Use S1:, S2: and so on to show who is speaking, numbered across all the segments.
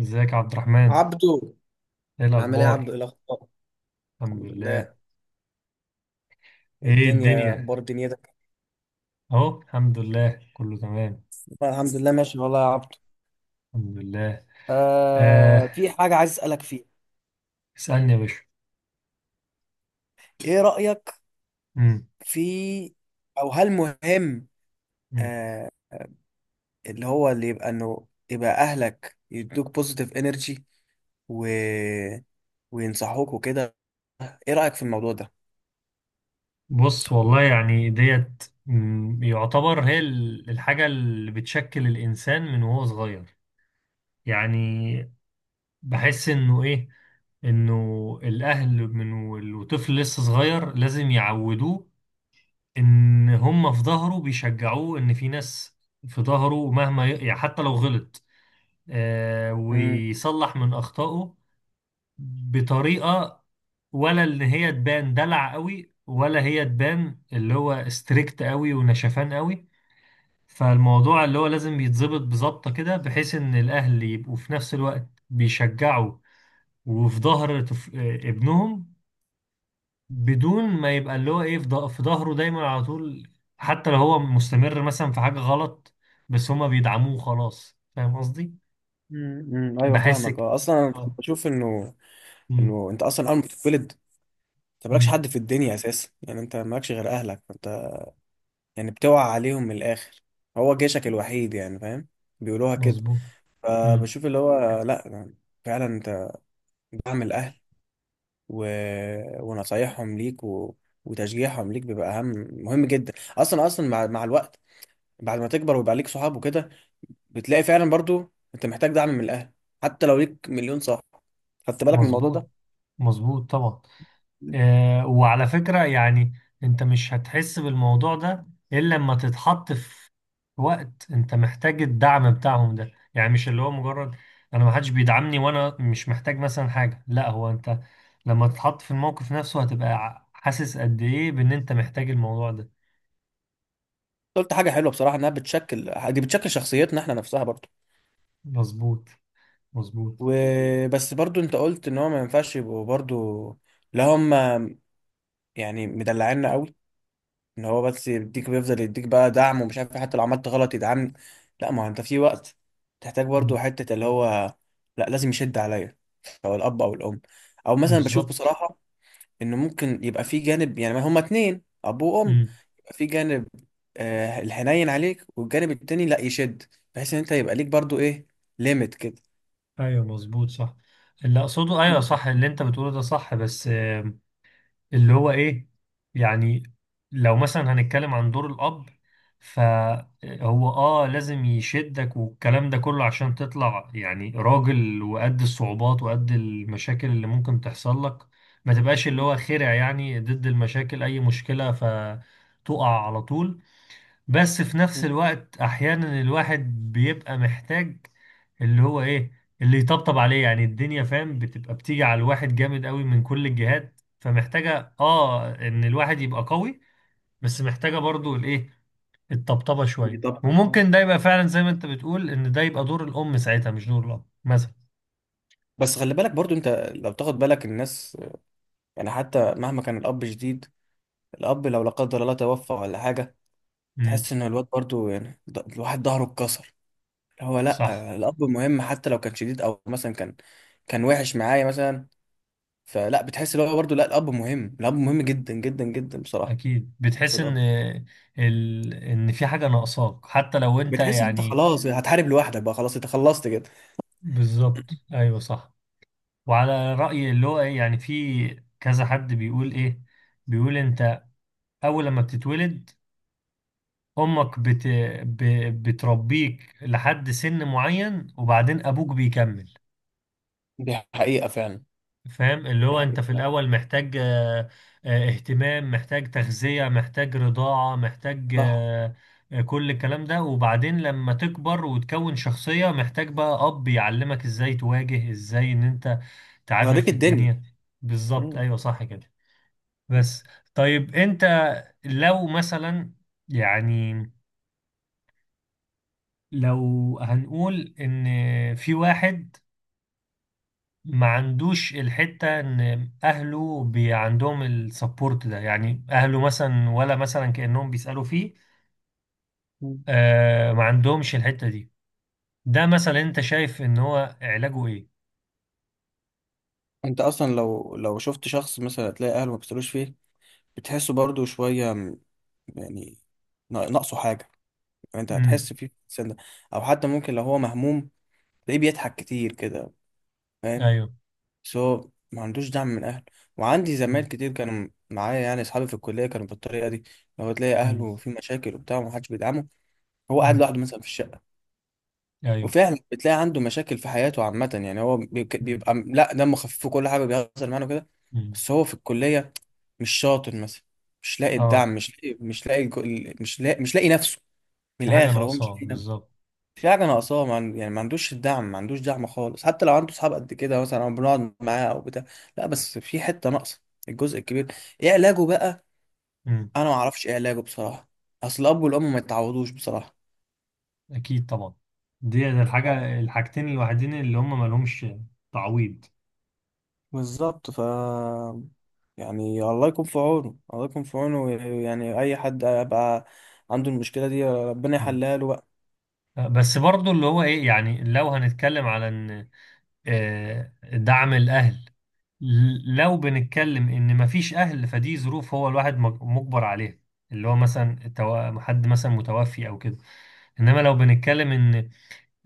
S1: ازيك يا عبد الرحمن؟
S2: عبدو.
S1: ايه
S2: عامل ايه يا عبدو،
S1: الاخبار؟
S2: ايه الاخبار؟
S1: الحمد
S2: الحمد
S1: لله.
S2: لله. إيه
S1: ايه
S2: الدنيا،
S1: الدنيا؟
S2: اخبار دنيتك؟
S1: اهو الحمد لله كله تمام.
S2: الحمد لله ماشي والله يا عبدو.
S1: الحمد لله. آه.
S2: في حاجه عايز اسالك فيها.
S1: اسألني يا باشا.
S2: ايه رايك
S1: مم.
S2: في او هل مهم؟
S1: مم.
S2: آه. اللي هو اللي يبقى انه يبقى اهلك يدوك بوزيتيف انرجي، و... وينصحوك وكده. ايه رايك في الموضوع ده؟
S1: بص والله يعني ديت يعتبر هي الحاجة اللي بتشكل الانسان من وهو صغير. يعني بحس انه ايه، انه الاهل من وطفل لسه صغير لازم يعودوه ان هم في ظهره، بيشجعوه ان في ناس في ظهره مهما يعني حتى لو غلط آه
S2: امم
S1: ويصلح من اخطائه بطريقه، ولا ان هي تبان دلع قوي ولا هي تبان اللي هو ستريكت قوي ونشفان قوي. فالموضوع اللي هو لازم يتظبط بظبطه كده، بحيث ان الاهل يبقوا في نفس الوقت بيشجعوا وفي ظهر ابنهم، بدون ما يبقى اللي هو ايه في في ظهره دايما على طول حتى لو هو مستمر مثلا في حاجة غلط، بس هما بيدعموه خلاص. فاهم قصدي؟
S2: ايوه،
S1: بحس
S2: فاهمك.
S1: كده.
S2: اصلا أنا
S1: اه.
S2: بشوف انه
S1: مم.
S2: انه انت اصلا اول ما بتتولد، انت مالكش
S1: مم.
S2: حد في الدنيا اساسا. يعني انت مالكش غير اهلك انت. يعني بتوقع عليهم من الاخر. هو جيشك الوحيد، يعني فاهم، بيقولوها كده.
S1: مظبوط. مم.
S2: فبشوف اللي هو لا، فعلا انت دعم الاهل و... ونصايحهم ليك وتشجيعهم ليك بيبقى اهم، مهم جدا اصلا. مع الوقت، بعد ما تكبر ويبقى ليك صحاب وكده، بتلاقي فعلا برضو انت محتاج دعم من الاهل حتى لو ليك مليون صاحب. خدت بالك من الموضوع
S1: مظبوط.
S2: ده؟
S1: مظبوط طبعا. آه، وعلى فكرة يعني انت مش هتحس بالموضوع ده الا لما تتحط في وقت انت محتاج الدعم بتاعهم ده. يعني مش اللي هو مجرد انا ما حدش بيدعمني وانا مش محتاج مثلا حاجة، لا هو انت لما تتحط في الموقف نفسه هتبقى حاسس قد ايه بان انت محتاج الموضوع ده.
S2: قلت حاجة حلوة بصراحة، انها بتشكل، دي بتشكل شخصيتنا احنا نفسها برضو.
S1: مظبوط. مظبوط.
S2: وبس برضو انت قلت ان هو ما ينفعش يبقوا برضو، لا هم، يعني، مدلعنا قوي، ان هو بس يديك، بيفضل يديك بقى دعم، ومش عارف إيه، حتى لو عملت غلط يدعمني. لا، ما هو انت في وقت تحتاج برضو
S1: مم.
S2: حتة اللي هو، لا، لازم يشد عليا، سواء الاب او الام. او مثلا بشوف
S1: بالظبط.
S2: بصراحة ان ممكن يبقى في جانب، يعني ما هما اتنين اب وام،
S1: مم.
S2: يبقى في جانب آه الحنين عليك، والجانب التاني لا يشد، بحيث ان انت يبقى ليك برضو ايه، ليميت كده.
S1: ايوه مظبوط صح. اللي اقصده ايوه،
S2: مم.
S1: صح اللي انت بتقوله ده صح، بس اللي هو ايه يعني لو مثلا هنتكلم عن دور الاب، فهو اه لازم يشدك والكلام ده كله عشان تطلع يعني راجل وقد الصعوبات وقد المشاكل اللي ممكن تحصل لك، ما تبقاش اللي هو خرع يعني ضد المشاكل، اي مشكلة فتقع على طول. بس في نفس الوقت احيانا الواحد بيبقى محتاج اللي هو ايه، اللي يطبطب عليه. يعني الدنيا فاهم بتبقى بتيجي على الواحد جامد قوي من كل الجهات، فمحتاجة اه ان الواحد يبقى قوي بس محتاجة برضو الايه، الطبطبة شوية.
S2: طبعا، اه.
S1: وممكن ده يبقى فعلا زي ما انت بتقول ان ده يبقى دور الام ساعتها مش دور الاب مثلا.
S2: بس خلي بالك برضو انت، لو تاخد بالك الناس، يعني حتى مهما كان الاب شديد، الأب لو لا قدر الله توفى ولا حاجة،
S1: امم.
S2: تحس إن الواد برضو يعني الواحد ظهره اتكسر. اللي هو
S1: صح.
S2: لأ، الأب مهم حتى لو كان شديد، أو مثلا كان وحش معايا مثلا. فلا، بتحس اللي هو برضو لأ، الأب مهم، الأب مهم جدا جدا جدا بصراحة.
S1: اكيد بتحس ان
S2: الأب،
S1: ان في حاجة ناقصاك حتى لو انت
S2: بتحس إن أنت
S1: يعني.
S2: خلاص، يعني هتحارب لوحدك بقى، خلاص أنت خلصت كده.
S1: بالظبط ايوه صح. وعلى رأيي اللي هو ايه يعني في كذا حد بيقول ايه، بيقول انت أول لما بتتولد أمك ب... بتربيك لحد سن معين وبعدين أبوك بيكمل.
S2: دي حقيقة فعلا.
S1: فاهم اللي
S2: دي
S1: هو أنت
S2: حقيقة
S1: في
S2: فعلا.
S1: الأول محتاج آه، آه، اهتمام، محتاج تغذية، محتاج رضاعة، محتاج
S2: صح.
S1: آه، آه، كل الكلام ده. وبعدين لما تكبر وتكون شخصية محتاج بقى أب يعلمك إزاي تواجه، إزاي إن أنت تعافر
S2: يوريك
S1: في
S2: الدنيا.
S1: الدنيا. بالظبط
S2: مم.
S1: أيوه صح كده. بس طيب أنت لو مثلا يعني لو هنقول ان في واحد ما عندوش الحتة ان اهله بي عندهم السبورت ده، يعني اهله مثلا ولا مثلا كأنهم بيسألوا فيه،
S2: مم.
S1: آه ما عندهمش الحتة دي، ده مثلا انت شايف ان هو علاجه ايه؟
S2: أنت أصلا لو شفت شخص مثلا، تلاقي أهله ما بيسألوش فيه، بتحسه برضو شوية يعني، ناقصه حاجة. انت
S1: امم.
S2: هتحس فيه، في الانسان ده. او حتى ممكن لو هو مهموم، تلاقيه بيضحك كتير كده، فاهم،
S1: ايوه.
S2: بس هو ما عندوش دعم من اهله. وعندي زمايل
S1: امم.
S2: كتير كانوا معايا، يعني اصحابي في الكليه كانوا بالطريقه دي. لو تلاقي اهله في مشاكل وبتاع، ومحدش بيدعمه، هو قاعد
S1: امم.
S2: لوحده مثلا في الشقه.
S1: ايوه.
S2: وفعلا بتلاقي عنده مشاكل في حياته عامه. يعني هو
S1: امم.
S2: بيبقى لا، دمه خفيف، وكل حاجه بيحصل معانا كده.
S1: أمم.
S2: بس هو في الكليه مش شاطر مثلا، مش لاقي
S1: اه
S2: الدعم، مش لاقي نفسه. من
S1: في حاجة
S2: الاخر هو مش
S1: ناقصاه
S2: لاقي،
S1: بالظبط.
S2: في حاجة ناقصاه. ما عن- يعني ما عندوش الدعم، ما عندوش دعم خالص، حتى لو عنده صحاب قد كده مثلا، أو بنقعد معاه أو بتاع. لا بس في حتة ناقصة، الجزء الكبير. إيه علاجه بقى؟
S1: امم.
S2: أنا ما أعرفش إيه علاجه بصراحة. أصل الأب والأم ما يتعوضوش بصراحة.
S1: اكيد طبعا. دي ده الحاجة،
S2: ف-
S1: الحاجتين الوحيدين اللي هم ما لهمش تعويض.
S2: بالظبط، يعني الله يكون في عونه، الله يكون في عونه. يعني أي حد يبقى عنده المشكلة دي، ربنا
S1: مم.
S2: يحلها له بقى.
S1: بس برضو اللي هو ايه يعني لو هنتكلم على ان آه، دعم الاهل، لو بنتكلم ان مفيش اهل فدي ظروف هو الواحد مجبر عليها، اللي هو مثلا حد مثلا متوفي او كده. انما لو بنتكلم ان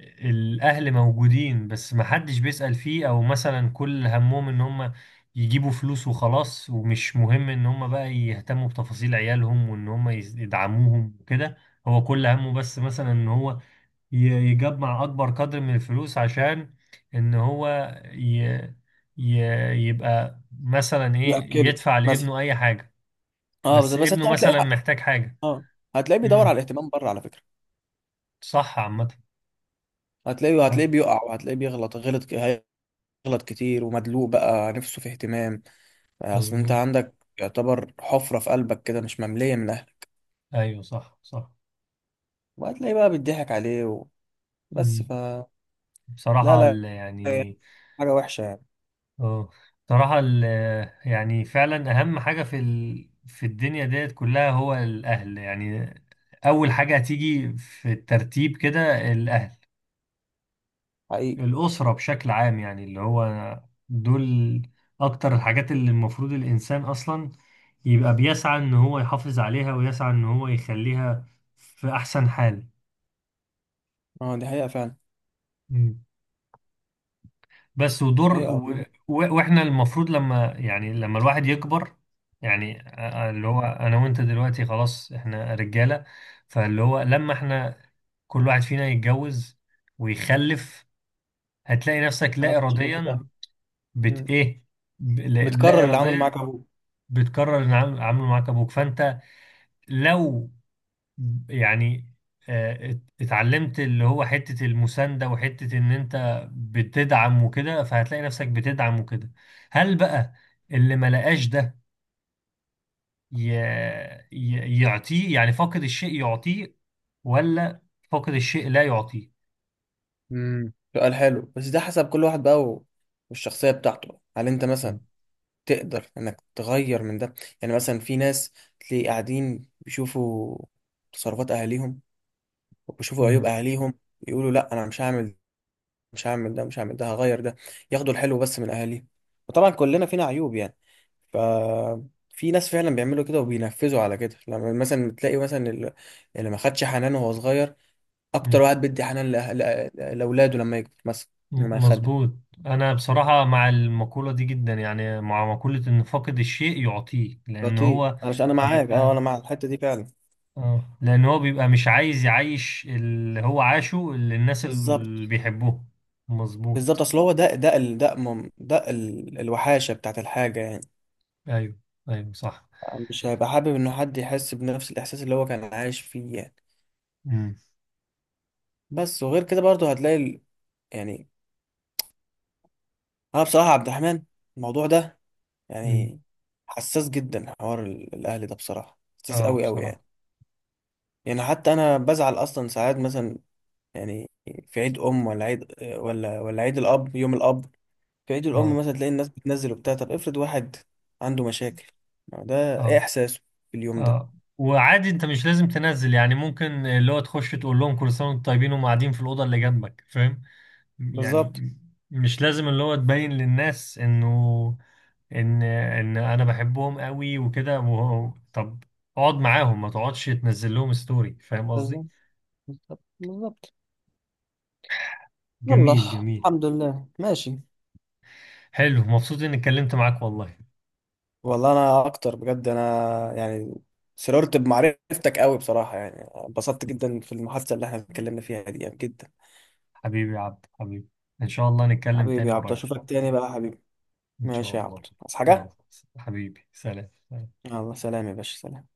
S1: الاهل موجودين بس محدش بيسأل فيه، او مثلا كل همهم ان هم يجيبوا فلوس وخلاص ومش مهم ان هم بقى يهتموا بتفاصيل عيالهم وان هم يدعموهم وكده. هو كل همه بس مثلا ان هو ي- يجمع اكبر قدر من الفلوس عشان ان هو ي... يبقى مثلا ايه
S2: يأكله
S1: يدفع
S2: مثلا.
S1: لابنه اي حاجة،
S2: اه، بس
S1: بس
S2: بس أنت
S1: ابنه
S2: هتلاقيه.
S1: مثلا محتاج حاجة.
S2: اه، هتلاقيه بيدور على
S1: امم.
S2: الاهتمام بره، على فكرة.
S1: صح عامة. أ-
S2: هتلاقيه بيقع، وهتلاقيه بيغلط غلط، غلط كتير، ومدلوق بقى نفسه في اهتمام. اصل انت
S1: مظبوط
S2: عندك يعتبر حفرة في قلبك كده، مش مملية من اهلك.
S1: ايوه صح صح.
S2: وهتلاقي بقى بيضحك عليه بس
S1: امم.
S2: ف لا، لا، هي
S1: يعني
S2: حاجة وحشة يعني.
S1: اه. بصراحة يعني فعلا اهم حاجة في في الدنيا ديت كلها هو الاهل يعني. اول حاجة هتيجي في الترتيب كده الاهل،
S2: حقيقي.
S1: الأسرة بشكل عام. يعني اللي هو دول أكتر الحاجات اللي المفروض الإنسان أصلا يبقى بيسعى إن هو يحافظ عليها ويسعى إن هو يخليها في أحسن حال.
S2: اه، دي حقيقة فعلا.
S1: مم. بس
S2: دي
S1: ودور
S2: حقيقة والله.
S1: وإحنا المفروض لما يعني لما الواحد يكبر، يعني اللي هو أنا وأنت دلوقتي خلاص إحنا رجالة، فاللي هو لما إحنا كل واحد فينا يتجوز ويخلف هتلاقي نفسك لا
S2: غلطتش غلطة
S1: إراديا
S2: اهل.
S1: بت
S2: مم.
S1: إيه، لا لا
S2: بتكرر اللي عمله معاك
S1: إراديا
S2: ابوك.
S1: بتكرر العامل معاك ابوك. فانت لو يعني آه، اتعلمت اللي هو حتة المساندة وحتة ان انت بتدعم وكده فهتلاقي نفسك بتدعم وكده. هل بقى اللي ما لقاش ده ي- يعطيه يعني؟ فاقد الشيء يعطيه، ولا فاقد الشيء لا يعطيه؟
S2: امم، سؤال حلو، بس ده حسب كل واحد بقى، والشخصية بتاعته. هل انت مثلا
S1: مم.
S2: تقدر انك تغير من ده؟ يعني مثلا في ناس تلاقي قاعدين بيشوفوا تصرفات اهاليهم، وبيشوفوا عيوب
S1: مم.
S2: اهاليهم، يقولوا لا، انا مش هعمل، مش هعمل ده، مش هعمل ده، هغير ده، ياخدوا الحلو بس من اهاليهم. وطبعا كلنا فينا عيوب يعني. ف، في ناس فعلا بيعملوا كده وبينفذوا على كده. لما مثلا تلاقي مثلا اللي ما خدش حنان وهو صغير، اكتر
S1: مم.
S2: واحد بيدي حنان لاولاده لما يكبر مثلا، لما يخلف.
S1: مظبوط. انا بصراحة مع المقولة دي جدا، يعني مع مقولة ان فاقد الشيء يعطيه، لان
S2: لطيف،
S1: هو
S2: علشان انا معاك، اه، انا
S1: بيبقى
S2: مع الحته دي فعلا.
S1: اه، لان هو بيبقى مش عايز يعيش اللي هو عاشه اللي الناس
S2: بالظبط،
S1: اللي بيحبوه.
S2: بالظبط.
S1: مظبوط.
S2: اصل هو ده ده ال- ده مم- ده ال- الوحاشه بتاعت الحاجه يعني.
S1: ايوه ايوه صح.
S2: مش هيبقى حابب ان حد يحس بنفس الاحساس اللي هو كان عايش فيه يعني.
S1: امم.
S2: بس وغير كده برضه هتلاقي يعني، انا بصراحه عبد الرحمن، الموضوع ده
S1: أمم.
S2: يعني، حساس جدا، حوار الاهلي ده بصراحه حساس
S1: اه
S2: قوي قوي يعني.
S1: بصراحة.
S2: يعني حتى انا بزعل اصلا ساعات مثلا، يعني في عيد ام، ولا عيد، ولا عيد الاب، يوم الاب، في عيد الام
S1: اه.
S2: مثلا، تلاقي الناس بتنزل وبتاع، طب افرض واحد عنده مشاكل، ما هو ده ايه
S1: اه.
S2: احساسه في اليوم ده؟
S1: اه وعادي انت مش لازم تنزل، يعني ممكن اللي هو تخش تقول لهم كل سنة وانتم طيبين وهم قاعدين في الأوضة اللي جنبك. فاهم
S2: بالظبط،
S1: يعني؟ مش لازم اللي هو تبين للناس انه ان ان انا بحبهم قوي وكده. وهو- طب اقعد معاهم، ما تقعدش تنزل لهم ستوري. فاهم قصدي؟
S2: بالظبط، بالظبط، بالظبط. يلا،
S1: جميل جميل.
S2: الحمد لله ماشي.
S1: حلو، مبسوط اني اتكلمت معاك والله.
S2: والله انا اكتر، بجد انا يعني، سررت بمعرفتك قوي بصراحه يعني. انبسطت جدا في المحادثه اللي احنا اتكلمنا فيها دي، يعني جدا.
S1: حبيبي يا عبد حبيبي. ان شاء الله نتكلم
S2: حبيبي
S1: تاني
S2: يا عبد،
S1: قريب.
S2: اشوفك تاني بقى يا حبيبي.
S1: ان شاء
S2: ماشي يا
S1: الله.
S2: عبد، عايز
S1: يلا
S2: حاجه؟
S1: حبيبي، سلام.
S2: يلا، سلام يا باشا، سلام.